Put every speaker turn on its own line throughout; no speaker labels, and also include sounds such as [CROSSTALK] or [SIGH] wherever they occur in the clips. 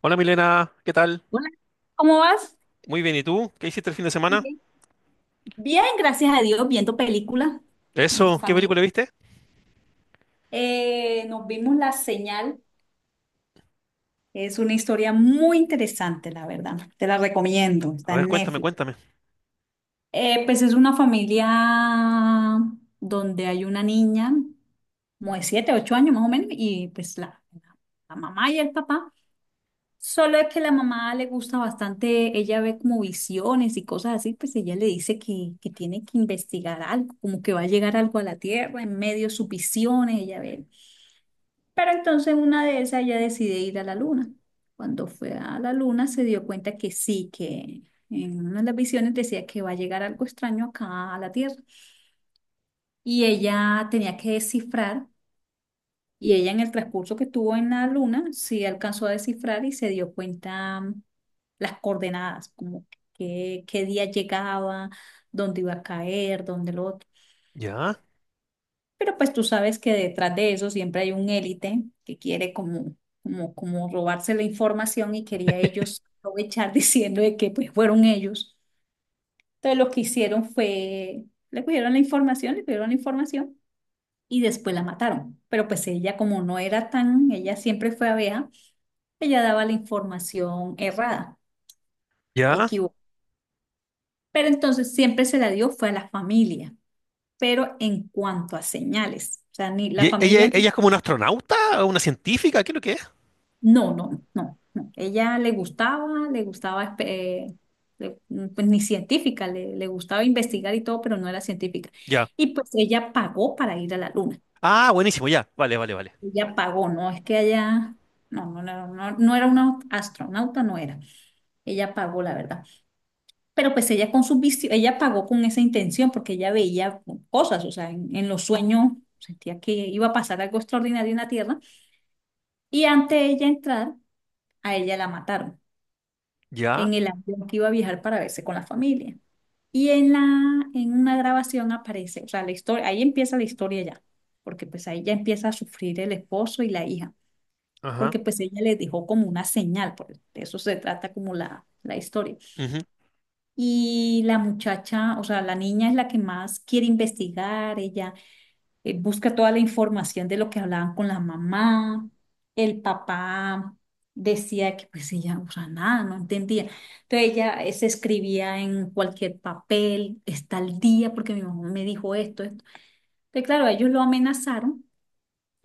Hola Milena, ¿qué tal?
Hola, ¿cómo vas?
Muy bien, ¿y tú? ¿Qué hiciste el fin de semana?
Andy. Bien, gracias a Dios, viendo películas en
Eso, ¿qué
familia.
película viste?
Nos vimos La Señal. Es una historia muy interesante, la verdad. Te la recomiendo.
A
Está
ver,
en
cuéntame,
Netflix.
cuéntame.
Pues es una familia donde hay una niña, como de 7, 8 años más o menos, y pues la mamá y el papá. Solo es que la mamá le gusta bastante, ella ve como visiones y cosas así, pues ella le dice que tiene que investigar algo, como que va a llegar algo a la Tierra en medio de sus visiones, ella ve. Pero entonces una de esas ella decide ir a la Luna. Cuando fue a la Luna se dio cuenta que sí, que en una de las visiones decía que va a llegar algo extraño acá a la Tierra y ella tenía que descifrar. Y ella en el transcurso que estuvo en la luna, sí alcanzó a descifrar y se dio cuenta, las coordenadas, como qué día llegaba, dónde iba a caer, dónde lo otro.
Ya,
Pero pues tú sabes que detrás de eso siempre hay un élite que quiere como, como robarse la información y quería ellos aprovechar [LAUGHS] diciendo de que pues fueron ellos. Entonces lo que hicieron fue, le cogieron la información, le pidieron la información y después la mataron. Pero pues ella como no era tan, ella siempre fue abeja. Ella daba la información errada,
ya.
equivocada. Pero entonces siempre se la dio fue a la familia, pero en cuanto a señales, o sea, ni
¿Y
la
e- ella,
familia,
ella es como una astronauta o una científica? ¿Qué es lo que es?
no, no, no, no. Ella le gustaba, le- pues ni científica, le gustaba investigar y todo, pero no era científica.
Ya.
Y pues ella pagó para ir a la luna,
Ah, buenísimo, ya. Vale, vale, vale.
ella pagó, no es que ella, no, no, no, no, no era una astronauta, no era, ella pagó, la verdad. Pero pues ella con sus ella pagó con esa intención porque ella veía cosas, o sea, en los sueños sentía que iba a pasar algo extraordinario en la Tierra y antes de ella entrar, a ella la mataron
Ya.
en el avión que iba a viajar para verse con la familia. Y en una grabación aparece, o sea, la historia, ahí empieza la historia ya, porque pues ahí ya empieza a sufrir el esposo y la hija,
Ajá.
porque pues ella le dejó como una señal, por de eso se trata como la historia.
Ujú.
Y la muchacha, o sea, la niña es la que más quiere investigar, ella, busca toda la información de lo que hablaban con la mamá, el papá decía que pues ella, o sea, nada, no entendía. Entonces ella, se escribía en cualquier papel, está al día porque mi mamá me dijo esto, esto. Entonces, claro, ellos lo amenazaron,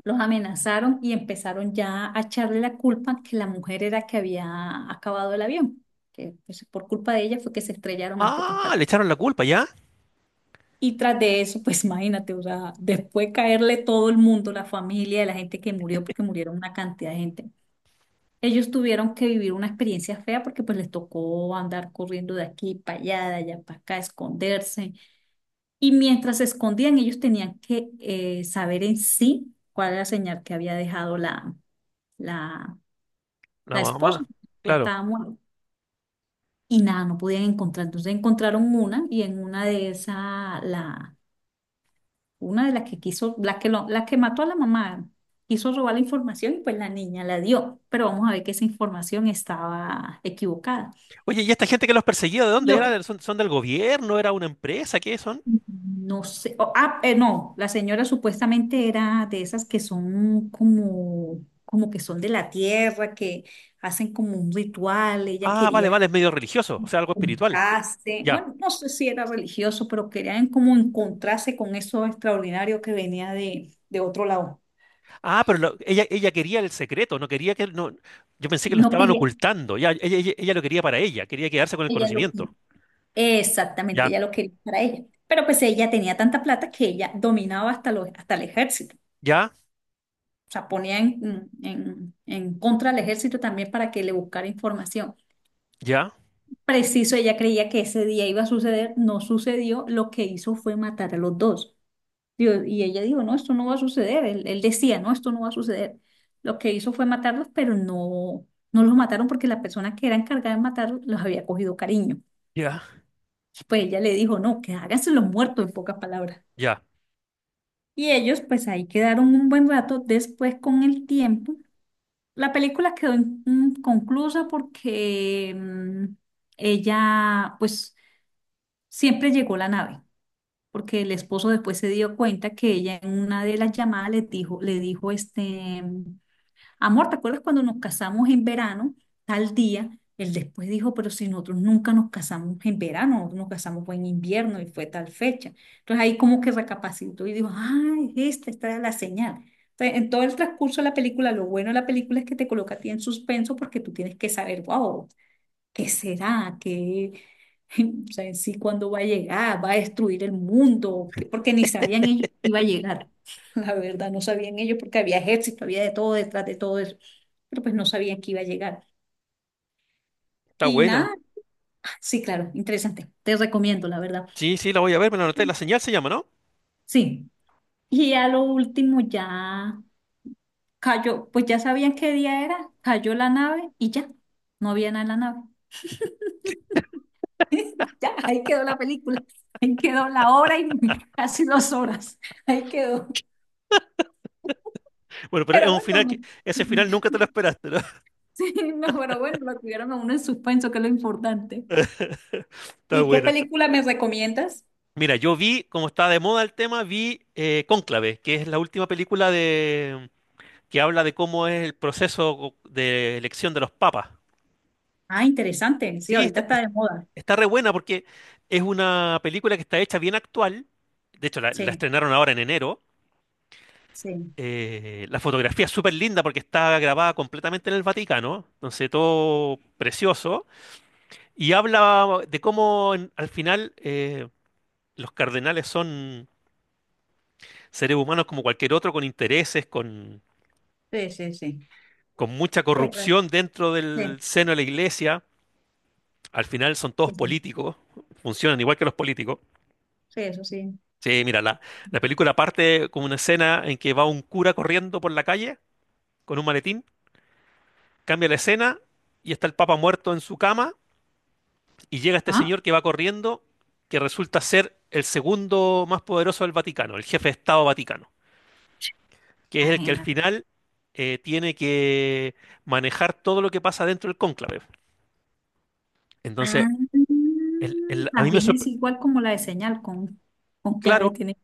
los amenazaron y empezaron ya a echarle la culpa que la mujer era que había acabado el avión, que pues, por culpa de ella fue que se estrellaron en pocas
Ah, le
palabras.
echaron la culpa, ¿ya?
Y tras de eso, pues [LAUGHS] imagínate, o sea, después caerle todo el mundo, la familia, la gente que murió, porque murieron una cantidad de gente. Ellos tuvieron que vivir una experiencia fea porque pues les tocó andar corriendo de aquí para allá, de allá para acá, esconderse. Y mientras se escondían, ellos tenían que, saber en sí cuál era la señal que había dejado la,
La
la esposa.
mamá.
Ya
Claro.
estaba muerta. Y nada, no podían encontrar. Entonces encontraron una y en una de esas una de las que quiso, la que mató a la mamá, quiso robar la información y pues la niña la dio, pero vamos a ver que esa información estaba equivocada.
Oye, ¿y esta gente que los perseguía, de dónde
Lo-
era? ¿Son del gobierno? ¿Era una empresa? ¿Qué son?
no, la señora supuestamente era de esas que son como, que son de la tierra, que hacen como un ritual, ella
Ah, vale,
quería
vale, es medio religioso, o sea, algo espiritual.
juntarse,
Ya.
bueno, no sé si era religioso, pero querían como encontrarse con eso extraordinario que venía de otro lado.
Ah, pero ella quería el secreto, no quería que. No, yo pensé que lo
No
estaban
quería,
ocultando. Ya, ella lo quería para ella, quería quedarse con el
ella lo.
conocimiento.
Exactamente,
Ya,
ella lo quería para ella. Pero pues ella tenía tanta plata que ella dominaba hasta el ejército.
ya,
O sea, ponía en contra al ejército también para que le buscara información.
ya,
Preciso, ella creía que ese día iba a suceder, no sucedió, lo que hizo fue matar a los dos. Digo. Y ella dijo, no, esto no va a suceder. Él decía, no, esto no va a suceder. Lo que hizo fue matarlos, pero no, no los mataron porque la persona que era encargada de matarlos los había cogido cariño.
ya,
Pues ella le dijo, no, que háganse los muertos en pocas palabras.
ya.
Y ellos pues ahí quedaron un buen rato. Después con el tiempo, la película quedó inconclusa porque, ella pues siempre llegó la nave, porque el esposo después se dio cuenta que ella en una de las llamadas le dijo este: amor, ¿te acuerdas cuando nos casamos en verano, tal día? Él después dijo, pero si nosotros nunca nos casamos en verano, nosotros nos casamos fue en invierno y fue tal fecha. Entonces ahí como que recapacitó y dijo, ay, esta era la señal. Entonces, en todo el transcurso de la película, lo bueno de la película es que te coloca a ti en suspenso porque tú tienes que saber, wow, ¿qué será? ¿Qué, [LAUGHS] o sea, en sí cuándo va a llegar? ¿Va a destruir el mundo? ¿Qué? Porque ni sabían ellos que iba a llegar. [LAUGHS] La verdad, no sabían ellos porque había ejército, había de todo detrás de todo eso. Pero pues no sabían que iba a llegar.
Está
Y
buena.
nada, [LAUGHS] sí, claro, interesante. Te recomiendo, la verdad.
Sí, sí, la voy a ver, me la anoté. La señal se llama, ¿no?
Sí. Y a lo último ya cayó, pues ya sabían qué día era, cayó la nave y ya, no había nada en la nave. [LAUGHS] Ya, ahí quedó la película, ahí quedó la hora y [LAUGHS] casi 2 horas, ahí quedó.
Bueno, pero es
Pero
un final que...
bueno,
Ese final
[LAUGHS]
nunca te lo esperaste, ¿no?
sí, no, pero bueno, lo tuvieron a uno en suspenso, que es lo importante.
[LAUGHS] Está
¿Y qué
buena.
película me recomiendas?
Mira, yo vi, como está de moda el tema, vi Cónclave, que es la última película de. Que habla de cómo es el proceso de elección de los papas.
Ah, interesante, sí,
Sí,
ahorita
está.
está de moda.
Está re buena porque es una película que está hecha bien actual. De hecho, la
Sí,
estrenaron ahora en enero.
sí,
La fotografía es súper linda porque está grabada completamente en el Vaticano. Entonces, todo precioso. Y habla de cómo al final los cardenales son seres humanos como cualquier otro, con intereses, con,
sí, sí, sí.
con mucha
Terra,
corrupción dentro del
sí,
seno de la iglesia. Al final son todos
sí, sí,
políticos, funcionan igual que los políticos.
sí, eso sí.
Sí, mira, la película parte con una escena en que va un cura corriendo por la calle con un maletín, cambia la escena y está el Papa muerto en su cama y llega este
¿Ah?
señor que va corriendo, que resulta ser el segundo más poderoso del Vaticano, el jefe de Estado Vaticano, que es el que al
Ajena.
final tiene que manejar todo lo que pasa dentro del cónclave. Entonces,
Ah,
a mí me
también es igual como la de señal con, clave
sorprendió.
tiene.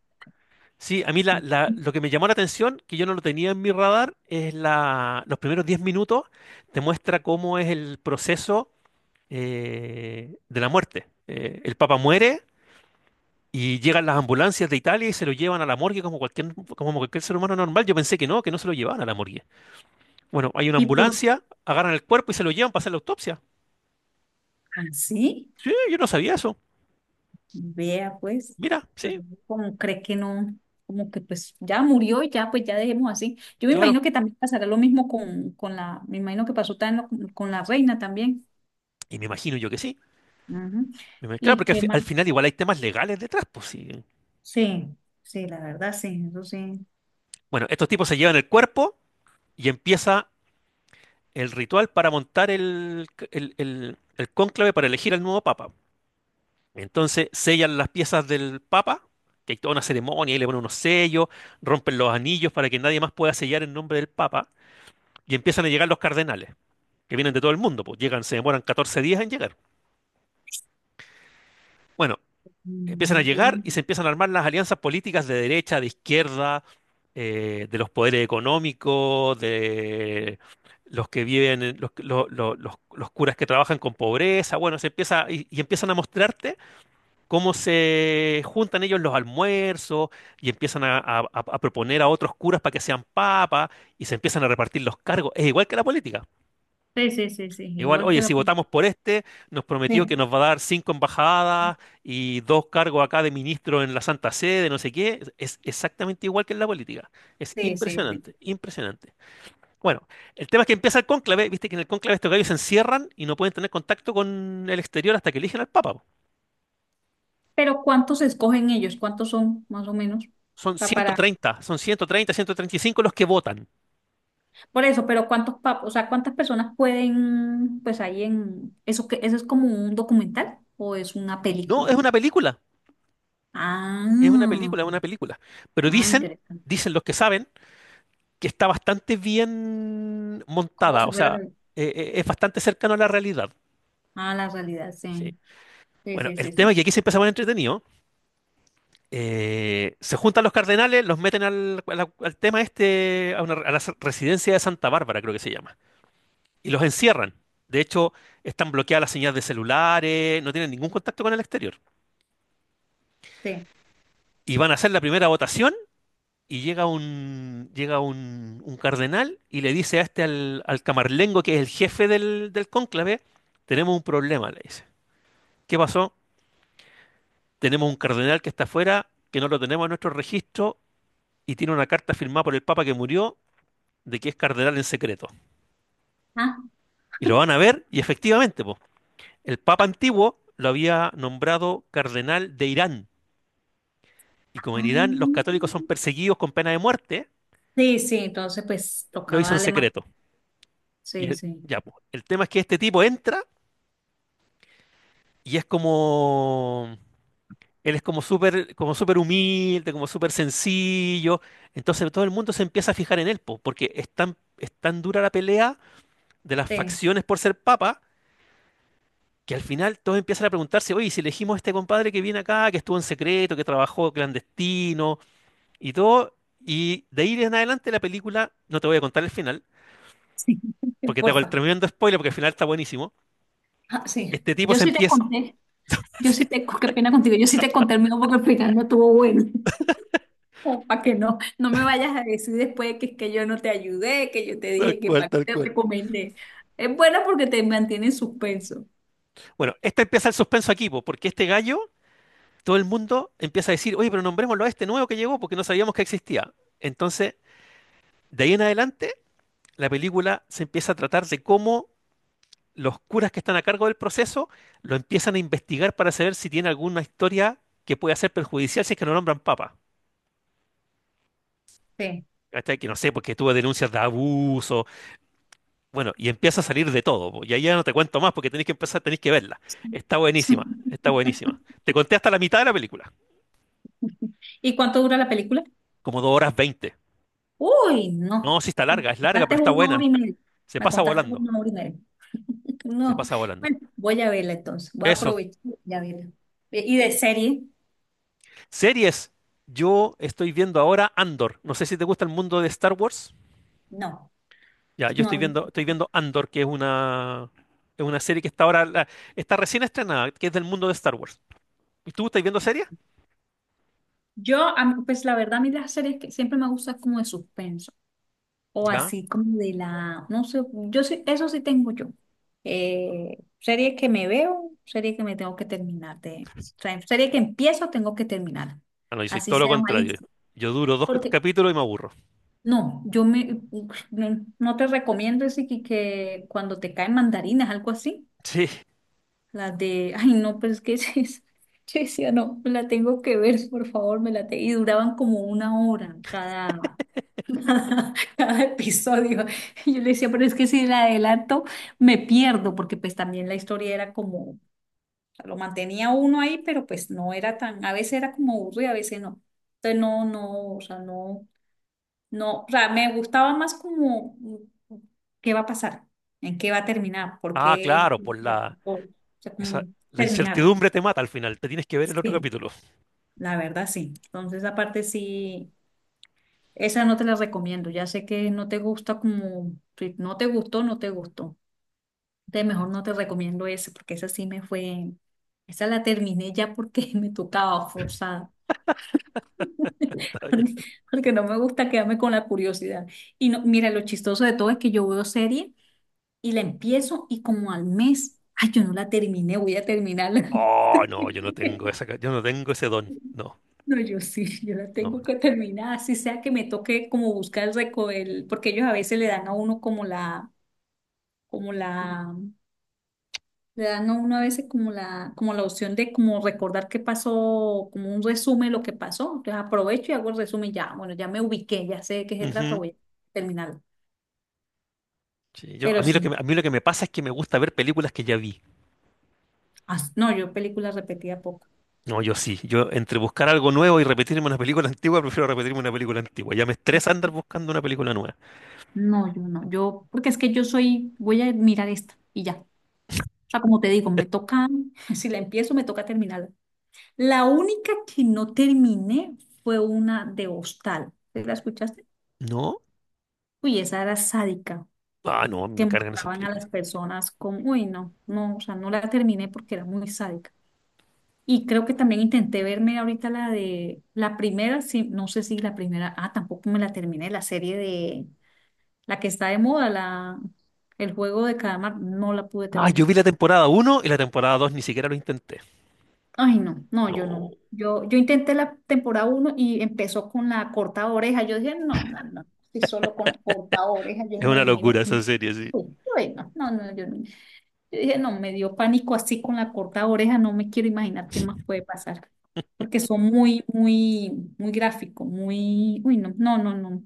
Sí, a mí lo que me llamó la atención, que yo no lo tenía en mi radar, es los primeros 10 minutos, te muestra cómo es el proceso de la muerte. El Papa muere y llegan las ambulancias de Italia y se lo llevan a la morgue como cualquier ser humano normal. Yo pensé que no se lo llevaban a la morgue. Bueno, hay una
¿Y por
ambulancia, agarran el cuerpo y se lo llevan para hacer la autopsia.
así?
Sí, yo no sabía eso.
Vea, pues,
Mira,
pues
sí,
uno como cree que no, como que pues ya murió y ya, pues ya dejemos así. Yo me
claro.
imagino que también pasará lo mismo con la, me imagino que pasó también la reina también.
Y me imagino yo que sí.
Ujú.
Claro,
¿Y
porque
qué
al
más?
final igual hay temas legales detrás, pues sí.
Sí, sí, la verdad, sí, eso sí.
Bueno, estos tipos se llevan el cuerpo y empieza el ritual para montar el cónclave para elegir al nuevo papa. Entonces sellan las piezas del papa, que hay toda una ceremonia, y le ponen unos sellos, rompen los anillos para que nadie más pueda sellar en nombre del papa, y empiezan a llegar los cardenales, que vienen de todo el mundo, pues llegan, se demoran 14 días en llegar. Bueno, empiezan a
Imagínate.
llegar y se empiezan a armar las alianzas políticas de derecha, de izquierda, de los poderes económicos, de los que viven, en- los, lo- los curas que trabajan con pobreza. Bueno, se empieza y empiezan a mostrarte cómo se juntan ellos en los almuerzos y empiezan a proponer a otros curas para que sean papas y se empiezan a repartir los cargos. Es igual que la política.
Sí, sí, sí, sí,
Igual,
igual que
oye,
la
si
película.
votamos por este, nos prometió que
Sí,
nos va a dar cinco embajadas y dos cargos acá de ministro en la Santa Sede, no sé qué. Es exactamente igual que en la política. Es
sí, sí, sí.
impresionante, impresionante. Bueno, el tema es que empieza el cónclave, viste que en el cónclave estos gallos se encierran y no pueden tener contacto con el exterior hasta que eligen al Papa, po.
Pero ¿cuántos escogen ellos? ¿Cuántos son, más o menos?
Son
O sea, para.
130, son 130, 135 los que votan.
Por eso, pero ¿cuántos papos, o sea, cuántas personas pueden, pues ahí en, eso que, eso es como un documental o es una
No,
película?
es una película, es una
Ah,
película, es una película. Pero
ah,
dicen,
interesante.
dicen los que saben que está bastante bien
Como
montada,
si
o
fuera,
sea, es bastante cercano a la realidad.
ah, la realidad,
Sí.
sí. Sí,
Bueno,
sí, sí,
el tema es
sí.
que aquí se empieza a poner entretenido. Se juntan los cardenales, los meten al tema este, a la residencia de Santa Bárbara, creo que se llama, y los encierran. De hecho, están bloqueadas las señales de celulares, no tienen ningún contacto con el exterior.
Sí.
Y van a hacer la primera votación. Y llega un cardenal y le dice al camarlengo, que es el jefe del cónclave, tenemos un problema, le dice. ¿Qué pasó? Tenemos un cardenal que está afuera, que no lo tenemos en nuestro registro y tiene una carta firmada por el Papa que murió de que es cardenal en secreto.
Ah,
Y lo van a ver y efectivamente, po, el Papa antiguo lo había nombrado cardenal de Irán. Y como en Irán los
ah.
católicos son perseguidos con pena de muerte,
Sí, sí, entonces pues
lo
tocaba
hizo en
darle más.
secreto.
Sí, sí,
Ya, po, el tema es que este tipo entra. Y es como. Él es como súper humilde, como súper sencillo. Entonces todo el mundo se empieza a fijar en él, po, porque es tan dura la pelea de las
sí,
facciones por ser papa, que al final todos empiezan a preguntarse, oye, ¿y si elegimos a este compadre que viene acá, que estuvo en secreto, que trabajó clandestino y todo? Y de ahí en adelante la película, no te voy a contar el final,
sí, [LAUGHS]
porque te hago el
porfa.
tremendo spoiler, porque el final está buenísimo.
Ah, sí,
Este tipo
yo
se
sí te
empieza.
conté,
[LAUGHS]
yo
Sí,
sí te, qué pena contigo, yo sí te conté el mío porque el final no estuvo bueno. O para que no me vayas a decir después que es que yo no te ayudé, que yo te
tal
dije que
cual,
para qué
tal
te
cual.
recomendé. Es buena porque te mantiene en suspenso.
Bueno, este empieza el suspenso aquí, po, porque este gallo todo el mundo empieza a decir, oye, pero nombrémoslo a este nuevo que llegó porque no sabíamos que existía. Entonces, de ahí en adelante, la película se empieza a tratar de cómo los curas que están a cargo del proceso lo empiezan a investigar para saber si tiene alguna historia que pueda ser perjudicial si es que no nombran papa.
Sí.
Hasta que no sé, porque tuvo denuncias de abuso. Bueno, y empieza a salir de todo, po. Y ahí ya no te cuento más porque tenés que empezar, tenés que verla. Está buenísima, está
[LAUGHS]
buenísima. Te conté hasta la mitad de la película,
¿Y cuánto dura la película?
como 2 horas 20.
Uy, no.
No, sí está
Me
larga, es larga, pero
contaste
está
una hora
buena.
y media.
Se
Me
pasa
contaste
volando.
una hora y media.
Se
No.
pasa volando.
Bueno, voy a verla entonces. Voy a
Eso.
aprovechar y a verla. ¿Y de serie?
Series. Yo estoy viendo ahora Andor. No sé si te gusta el mundo de Star Wars.
No.
Ya, yo estoy
No.
viendo, estoy viendo Andor, que es una serie que está ahora, está recién estrenada, que es del mundo de Star Wars. ¿Y tú estás viendo series?
Yo, a mí, pues la verdad, a mí las series que siempre me gustan como de suspenso. O
Ya.
así como de la, no sé, yo sí, eso sí tengo yo. Serie que me veo, serie que me tengo que terminar de, o sea, serie que empiezo, tengo que terminar.
Ah, no, yo soy
Así
todo lo
sea
contrario.
malísimo.
Yo duro dos
Porque,
capítulos y me aburro.
no, yo me, no, no te recomiendo ese que cuando te caen mandarinas, algo así.
Sí.
La de, ay, no, pero es que [LAUGHS] yo decía, no, me la tengo que ver, por favor, me la te. Y duraban como una hora cada, [LAUGHS] cada episodio. Y yo le decía, pero es que si la adelanto, me pierdo, porque pues también la historia era como, lo mantenía uno ahí, pero pues no era tan, a veces era como aburrido, a veces no. Entonces no, no, o sea, no, no, o sea, me gustaba más como, qué va a pasar, en qué va a terminar, por
Ah,
qué,
claro, por
o sea,
esa,
como
la
terminarla.
incertidumbre te mata al final. Te tienes que ver el otro
Sí,
capítulo.
la verdad sí. Entonces aparte sí. Esa no te la recomiendo. Ya sé que no te gusta como, si no te gustó, no te gustó. De mejor
Sí.
no te recomiendo esa, porque esa sí me fue, esa la terminé ya porque [LAUGHS] me tocaba forzada. [LAUGHS]
Está
Porque,
bien.
porque no me gusta quedarme con la curiosidad. Y no, mira, lo chistoso de todo es que yo veo serie y la empiezo y como al mes, ay, yo no la terminé, voy a terminarla.
Oh,
[LAUGHS]
no, yo no tengo ese don. No,
No, yo sí, yo la
no,
tengo que
no.
terminar, así sea que me toque como buscar el, porque ellos a veces le dan a uno como la, le dan a uno a veces como la opción de como recordar qué pasó, como un resumen de lo que pasó. Entonces aprovecho y hago el resumen ya, bueno, ya me ubiqué, ya sé de qué se trata,
Ujú.
voy a terminarlo.
Sí, yo, a
Pero
mí lo que,
sí,
me- a mí lo que me pasa es que me gusta ver películas que ya vi.
no, yo películas repetía poco.
No, yo sí. Yo entre buscar algo nuevo y repetirme una película [LAUGHS] antigua, prefiero repetirme una película antigua. Ya me estresa andar buscando una película nueva.
No, yo no, yo, porque es que yo soy, voy a mirar esta y ya. O sea, como te digo, me
[LAUGHS]
toca, [LAUGHS] si la empiezo, me toca terminarla. La única que no terminé fue una de Hostal. ¿La escuchaste?
¿No?
Uy, esa era sádica.
Ah, no, me
Que
cargan esas
mostraban a las
películas.
personas con, uy, no, no, o sea, no la terminé porque era muy sádica. Y creo que también intenté verme ahorita la de la primera, sí, no sé si la primera, ah, tampoco me la terminé, la serie de la que está de moda, la el juego de calamar, no la pude
Ah, yo
terminar.
vi la temporada 1 y la temporada 2 ni siquiera lo intenté.
Ay, no, no, yo
No,
no. Yo intenté la temporada uno y empezó con la corta oreja. Yo dije, no, no, no, si solo con la corta oreja, yo
es
me
una
imagino
locura
que
esa
no.
serie, sí.
Uy, uy, no, no, no, yo no. Yo dije, no, me dio pánico así con la corta oreja, no me quiero imaginar qué más puede pasar, porque son muy, muy, muy gráficos, muy, uy, no, no, no, no.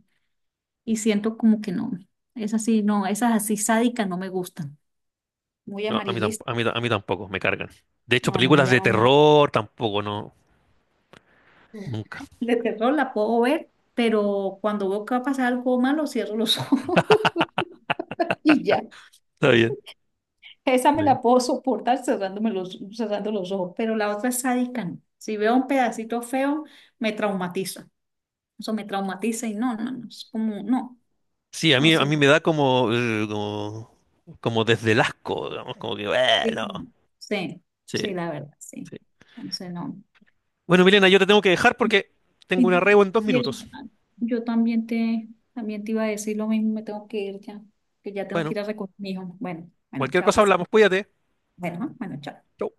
Y siento como que no, es así, no, esas así sádicas no me gustan, muy
No,
amarillistas,
a mí tampoco, me cargan. De hecho,
no, no me
películas de
llama mucho.
terror tampoco, no, nunca.
De terror la puedo ver, pero cuando veo que va a pasar algo malo, cierro los ojos [LAUGHS] y ya.
Está bien.
Esa me
Está bien.
la puedo soportar cerrándome los, cerrando los ojos, pero la otra es sádica, no. Si veo un pedacito feo, me traumatiza. Eso me traumatiza y no, no, no, es como, no,
Sí, a
no,
mí, a
sí,
mí me da como desde el asco, digamos, como que,
sí,
bueno.
sí,
Sí,
sí, la verdad, sí.
sí.
Entonces, no.
Bueno, Milena, yo te tengo que dejar porque tengo una
Y,
reo en dos
y eso,
minutos.
ah, yo también te iba a decir lo mismo, me tengo que ir ya, que ya tengo que
Bueno,
ir a recoger a mi hijo. Bueno, bueno,
cualquier
chao,
cosa
que sí.
hablamos, cuídate.
Bueno, ah, bueno, chao.
Chau.